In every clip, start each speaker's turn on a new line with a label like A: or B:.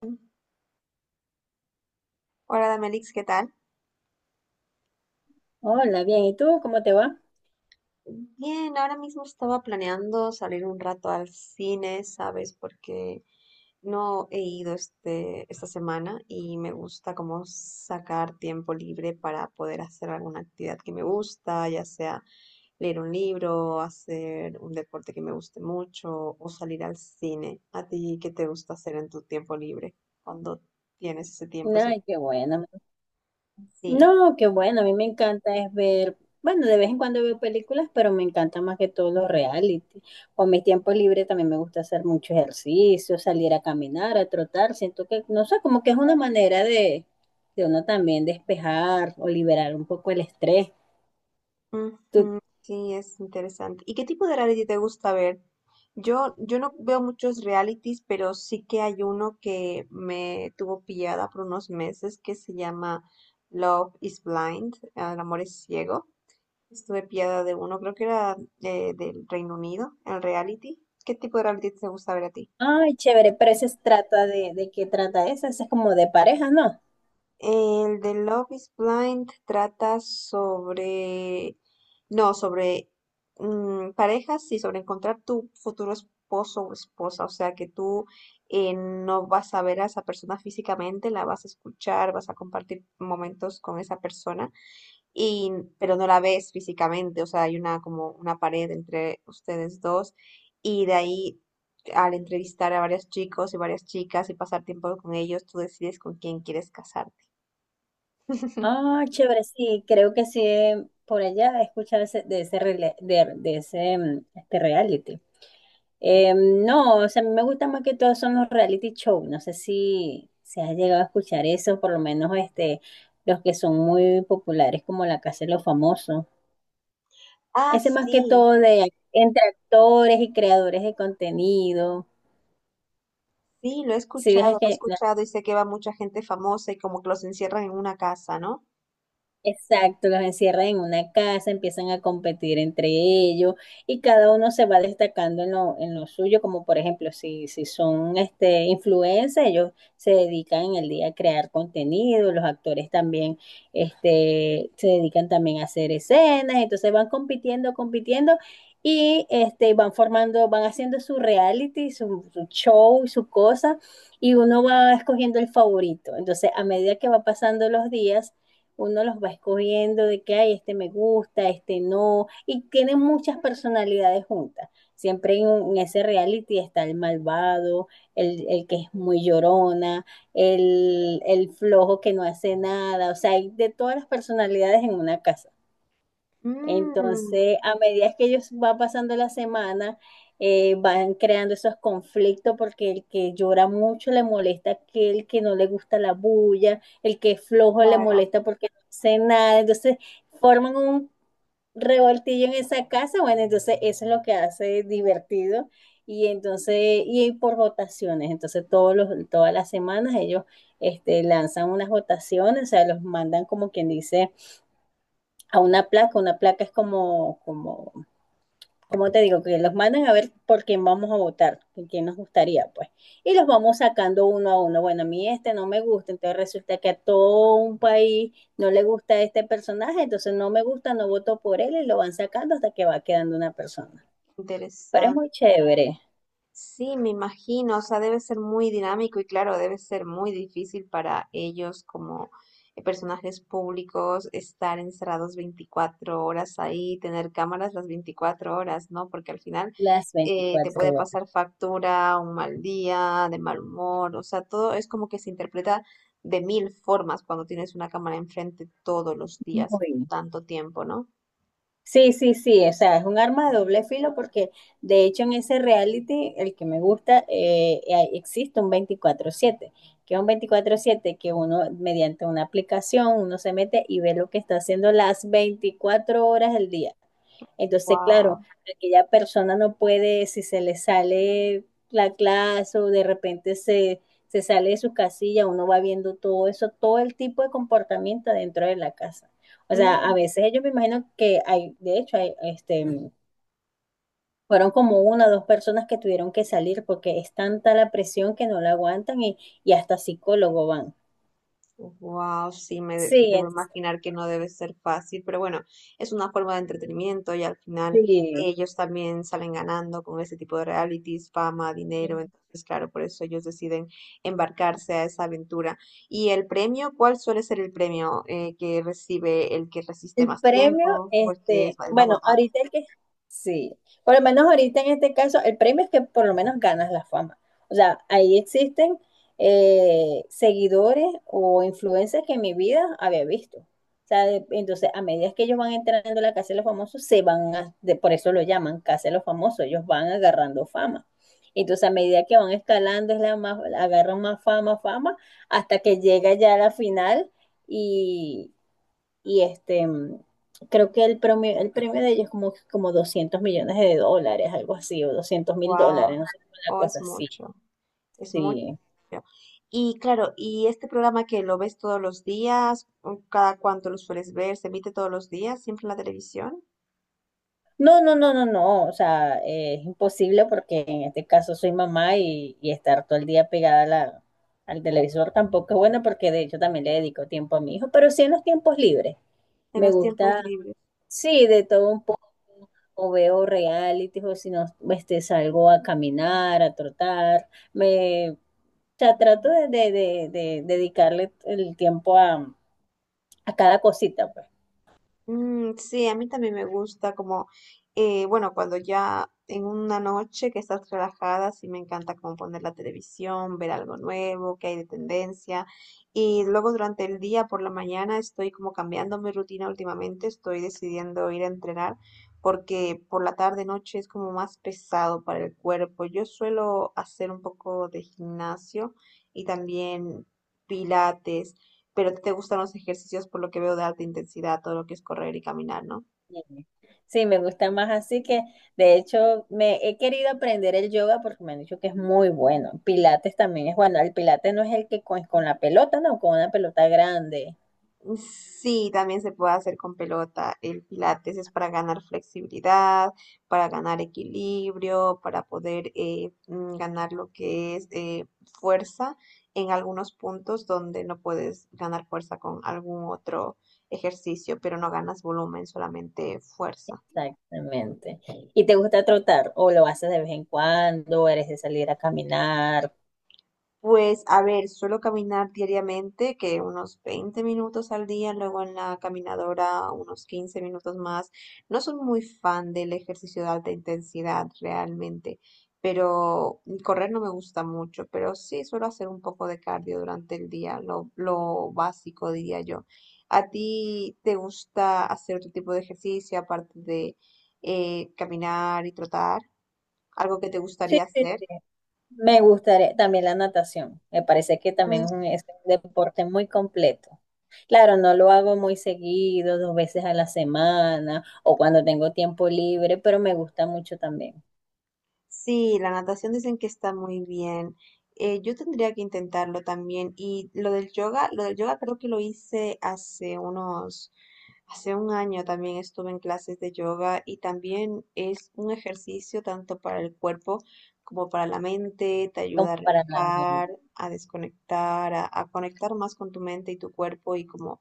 A: Hola Damelix, ¿qué tal?
B: Hola, bien. ¿Y tú cómo te va?
A: Bien, ahora mismo estaba planeando salir un rato al cine, ¿sabes? Porque no he ido esta semana y me gusta como sacar tiempo libre para poder hacer alguna actividad que me gusta, ya sea leer un libro, hacer un deporte que me guste mucho o salir al cine. ¿A ti qué te gusta hacer en tu tiempo libre cuando tienes ese tiempo?
B: Ay, qué bueno.
A: Sí.
B: No, qué bueno. A mí me encanta es ver, bueno, de vez en cuando veo películas, pero me encanta más que todo los reality. Con mis tiempos libres también me gusta hacer mucho ejercicio, salir a caminar, a trotar. Siento que, no sé, como que es una manera de, uno también despejar o liberar un poco el estrés. Tú,
A: Ujú, sí, es interesante. ¿Y qué tipo de reality te gusta ver? Yo no veo muchos realities, pero sí que hay uno que me tuvo pillada por unos meses que se llama Love is Blind, ah, el amor es ciego. Estuve pillada de uno, creo que era del Reino Unido, el reality. ¿Qué tipo de reality te gusta ver a ti?
B: ay, chévere, pero ese se trata ¿De qué trata ese? Ese es como de parejas, ¿no?
A: El de Love is Blind trata sobre, no, sobre parejas y sobre encontrar tu futuro esposo o esposa. O sea, que tú no vas a ver a esa persona físicamente, la vas a escuchar, vas a compartir momentos con esa persona, y, pero no la ves físicamente. O sea, hay una como una pared entre ustedes dos, y de ahí, al entrevistar a varios chicos y varias chicas y pasar tiempo con ellos, tú decides con quién quieres casarte.
B: Ah, chévere, sí, creo que sí, por allá he escuchado de ese, de ese este reality. No, o sea, a mí me gusta más que todo son los reality show. No sé si se ha llegado a escuchar eso, por lo menos los que son muy populares como La Casa de los Famosos.
A: Ah,
B: Ese más que
A: sí,
B: todo de entre actores y creadores de contenido.
A: sí,
B: Si ves
A: lo he
B: que
A: escuchado y sé que va mucha gente famosa y como que los encierran en una casa, ¿no?
B: Exacto, los encierran en una casa, empiezan a competir entre ellos y cada uno se va destacando en lo suyo, como por ejemplo, si son influencers, ellos se dedican en el día a crear contenido, los actores también se dedican también a hacer escenas, entonces van compitiendo, compitiendo y van haciendo su reality, su show, su cosa y uno va escogiendo el favorito. Entonces, a medida que va pasando los días, uno los va escogiendo de que, ay, este me gusta, este no, y tienen muchas personalidades juntas. Siempre en ese reality está el malvado, el que es muy llorona, el flojo que no hace nada, o sea, hay de todas las personalidades en una casa.
A: Mmm,
B: Entonces, a medida que ellos van pasando la semana, van creando esos conflictos porque el que llora mucho le molesta a aquel que no le gusta la bulla, el que es flojo le
A: claro,
B: molesta porque no hace nada. Entonces, forman un revoltillo en esa casa. Bueno, entonces eso es lo que hace divertido. Y por votaciones. Entonces, todas las semanas ellos lanzan unas votaciones, o sea, los mandan como quien dice a una placa. Una placa es como te digo, que los mandan a ver por quién vamos a votar, por quién nos gustaría, pues. Y los vamos sacando uno a uno. Bueno, a mí este no me gusta, entonces resulta que a todo un país no le gusta este personaje, entonces no me gusta, no voto por él y lo van sacando hasta que va quedando una persona. Pero es
A: interesante.
B: muy chévere.
A: Sí, me imagino, o sea, debe ser muy dinámico y claro, debe ser muy difícil para ellos como personajes públicos estar encerrados 24 horas ahí, tener cámaras las 24 horas, ¿no? Porque al final
B: Las
A: te
B: 24
A: puede
B: horas.
A: pasar factura, un mal día, de mal humor, o sea, todo es como que se interpreta de mil formas cuando tienes una cámara enfrente todos los días
B: Muy
A: y por
B: bien.
A: tanto tiempo, ¿no?
B: Sí, sí, sí, o sea, es un arma de doble filo porque de hecho en ese reality, el que me gusta, existe un 24/7, que es un 24/7 que uno mediante una aplicación, uno se mete y ve lo que está haciendo las 24 horas del día. Entonces,
A: Wow.
B: claro, aquella persona no puede, si se le sale la clase o de repente se sale de su casilla, uno va viendo todo eso, todo el tipo de comportamiento dentro de la casa. O sea, a veces ellos me imagino que hay, de hecho, hay, fueron como una o dos personas que tuvieron que salir porque es tanta la presión que no la aguantan y hasta psicólogo van.
A: Wow, sí, me
B: Sí,
A: debo
B: entonces,
A: imaginar que no debe ser fácil, pero bueno, es una forma de entretenimiento y al final ellos también salen ganando con ese tipo de realities, fama, dinero,
B: sí.
A: entonces claro, por eso ellos deciden embarcarse a esa aventura. ¿Y el premio? ¿Cuál suele ser el premio que recibe el que resiste
B: El
A: más
B: premio,
A: tiempo o el que es el más
B: bueno,
A: votado?
B: sí, por lo menos ahorita en este caso, el premio es que por lo menos ganas la fama. O sea, ahí existen seguidores o influencers que en mi vida había visto. O sea, entonces, a medida que ellos van entrando a la Casa de los Famosos, se van a, de- por eso lo llaman Casa de los Famosos, ellos van agarrando fama. Entonces, a medida que van escalando, agarran más fama, fama, hasta que llega ya a la final y creo que el premio de ellos es como $200 millones, algo así, o $200,000,
A: Wow,
B: no sé, una
A: oh, es
B: cosa así,
A: mucho. Es mucho
B: sí.
A: dinero. Y claro, ¿y este programa que lo ves todos los días? ¿O cada cuánto lo sueles ver? Se emite todos los días, siempre en la televisión.
B: No, no, no, no, no, o sea, es imposible porque en este caso soy mamá y estar todo el día pegada a al televisor tampoco es bueno porque de hecho también le dedico tiempo a mi hijo, pero sí en los tiempos libres.
A: En
B: Me
A: los tiempos
B: gusta
A: libres.
B: Sí, de todo un poco, o veo reality, o si no, salgo a caminar, a trotar, o sea, trato de dedicarle el tiempo a cada cosita, pues.
A: Mm, sí, a mí también me gusta como, bueno, cuando ya en una noche que estás relajada, sí me encanta como poner la televisión, ver algo nuevo, que hay de tendencia. Y luego durante el día, por la mañana, estoy como cambiando mi rutina últimamente, estoy decidiendo ir a entrenar porque por la tarde, noche es como más pesado para el cuerpo. Yo suelo hacer un poco de gimnasio y también pilates. Pero a te gustan los ejercicios, por lo que veo, de alta intensidad, todo lo que es correr y caminar, ¿no?
B: Sí, sí, me gusta más así que, de hecho, me he querido aprender el yoga porque me han dicho que es muy bueno. Pilates también es bueno, el pilates no es el que con la pelota, no, con una pelota grande.
A: Sí, también se puede hacer con pelota. El pilates es para ganar flexibilidad, para ganar equilibrio, para poder ganar lo que es fuerza en algunos puntos donde no puedes ganar fuerza con algún otro ejercicio, pero no ganas volumen, solamente fuerza.
B: Exactamente. ¿Y te gusta trotar? ¿O lo haces de vez en cuando? ¿Eres de salir a caminar?
A: Pues, a ver, suelo caminar diariamente, que unos 20 minutos al día, luego en la caminadora unos 15 minutos más. No soy muy fan del ejercicio de alta intensidad realmente, pero correr no me gusta mucho, pero sí suelo hacer un poco de cardio durante el día, lo básico diría yo. ¿A ti te gusta hacer otro tipo de ejercicio aparte de caminar y trotar? ¿Algo que te
B: Sí,
A: gustaría
B: sí,
A: hacer?
B: sí. Me gustaría también la natación. Me parece que también es un deporte muy completo. Claro, no lo hago muy seguido, dos veces a la semana o cuando tengo tiempo libre, pero me gusta mucho también,
A: Sí, la natación dicen que está muy bien. Yo tendría que intentarlo también. Y lo del yoga creo que lo hice hace unos, hace un año también estuve en clases de yoga y también es un ejercicio tanto para el cuerpo como para la mente, te ayuda
B: como
A: a
B: para la mente.
A: relajar, a desconectar, a conectar más con tu mente y tu cuerpo y como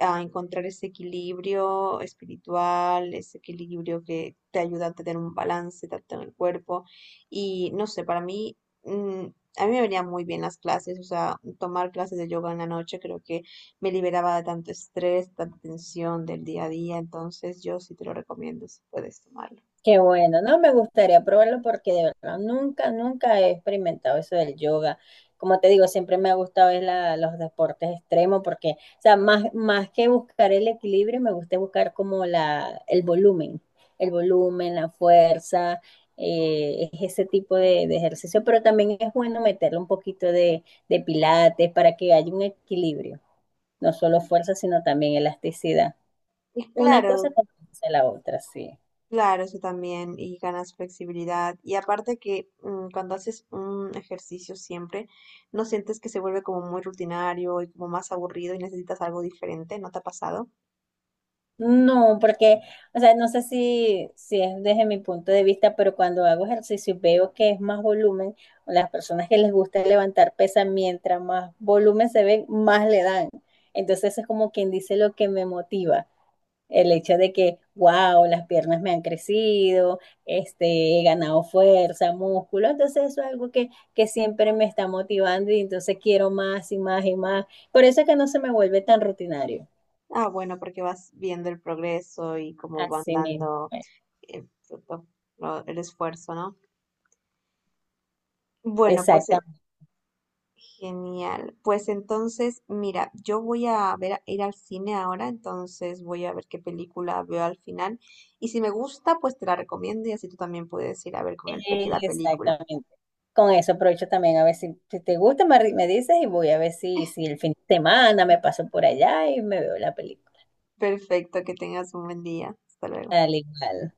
A: a encontrar ese equilibrio espiritual, ese equilibrio que te ayuda a tener un balance tanto en el cuerpo y no sé, para mí, mm, a mí me venían muy bien las clases, o sea, tomar clases de yoga en la noche creo que me liberaba de tanto estrés, tanta tensión del día a día, entonces yo sí te lo recomiendo si puedes tomarlo.
B: Qué bueno, no me gustaría probarlo porque de verdad nunca, nunca he experimentado eso del yoga. Como te digo, siempre me ha gustado es los deportes extremos porque, o sea, más que buscar el equilibrio, me gusta buscar como el volumen, la fuerza, es ese tipo de ejercicio, pero también es bueno meterle un poquito de pilates para que haya un equilibrio, no solo fuerza, sino también elasticidad.
A: Y
B: Una cosa
A: claro,
B: compensa la otra, sí.
A: claro, eso también, y ganas flexibilidad, y aparte que, cuando haces un ejercicio siempre, ¿no sientes que se vuelve como muy rutinario y como más aburrido y necesitas algo diferente? ¿No te ha pasado?
B: No, porque, o sea, no sé si es desde mi punto de vista, pero cuando hago ejercicio y veo que es más volumen, o las personas que les gusta levantar pesa, mientras más volumen se ven, más le dan. Entonces es como quien dice lo que me motiva, el hecho de que, wow, las piernas me han crecido, he ganado fuerza, músculo, entonces eso es algo que siempre me está motivando y entonces quiero más y más y más. Por eso es que no se me vuelve tan rutinario.
A: Ah, bueno, porque vas viendo el progreso y cómo van
B: Así mismo.
A: dando el fruto, el esfuerzo, ¿no? Bueno, pues
B: Exactamente.
A: genial. Pues entonces, mira, yo voy a ver, ir al cine ahora, entonces voy a ver qué película veo al final. Y si me gusta, pues te la recomiendo y así tú también puedes ir a ver con el peque la película.
B: Exactamente. Con eso aprovecho también a ver si te gusta, me dices y voy a ver si el fin de semana me paso por allá y me veo la película.
A: Perfecto, que tengas un buen día. Hasta luego.
B: Al igual.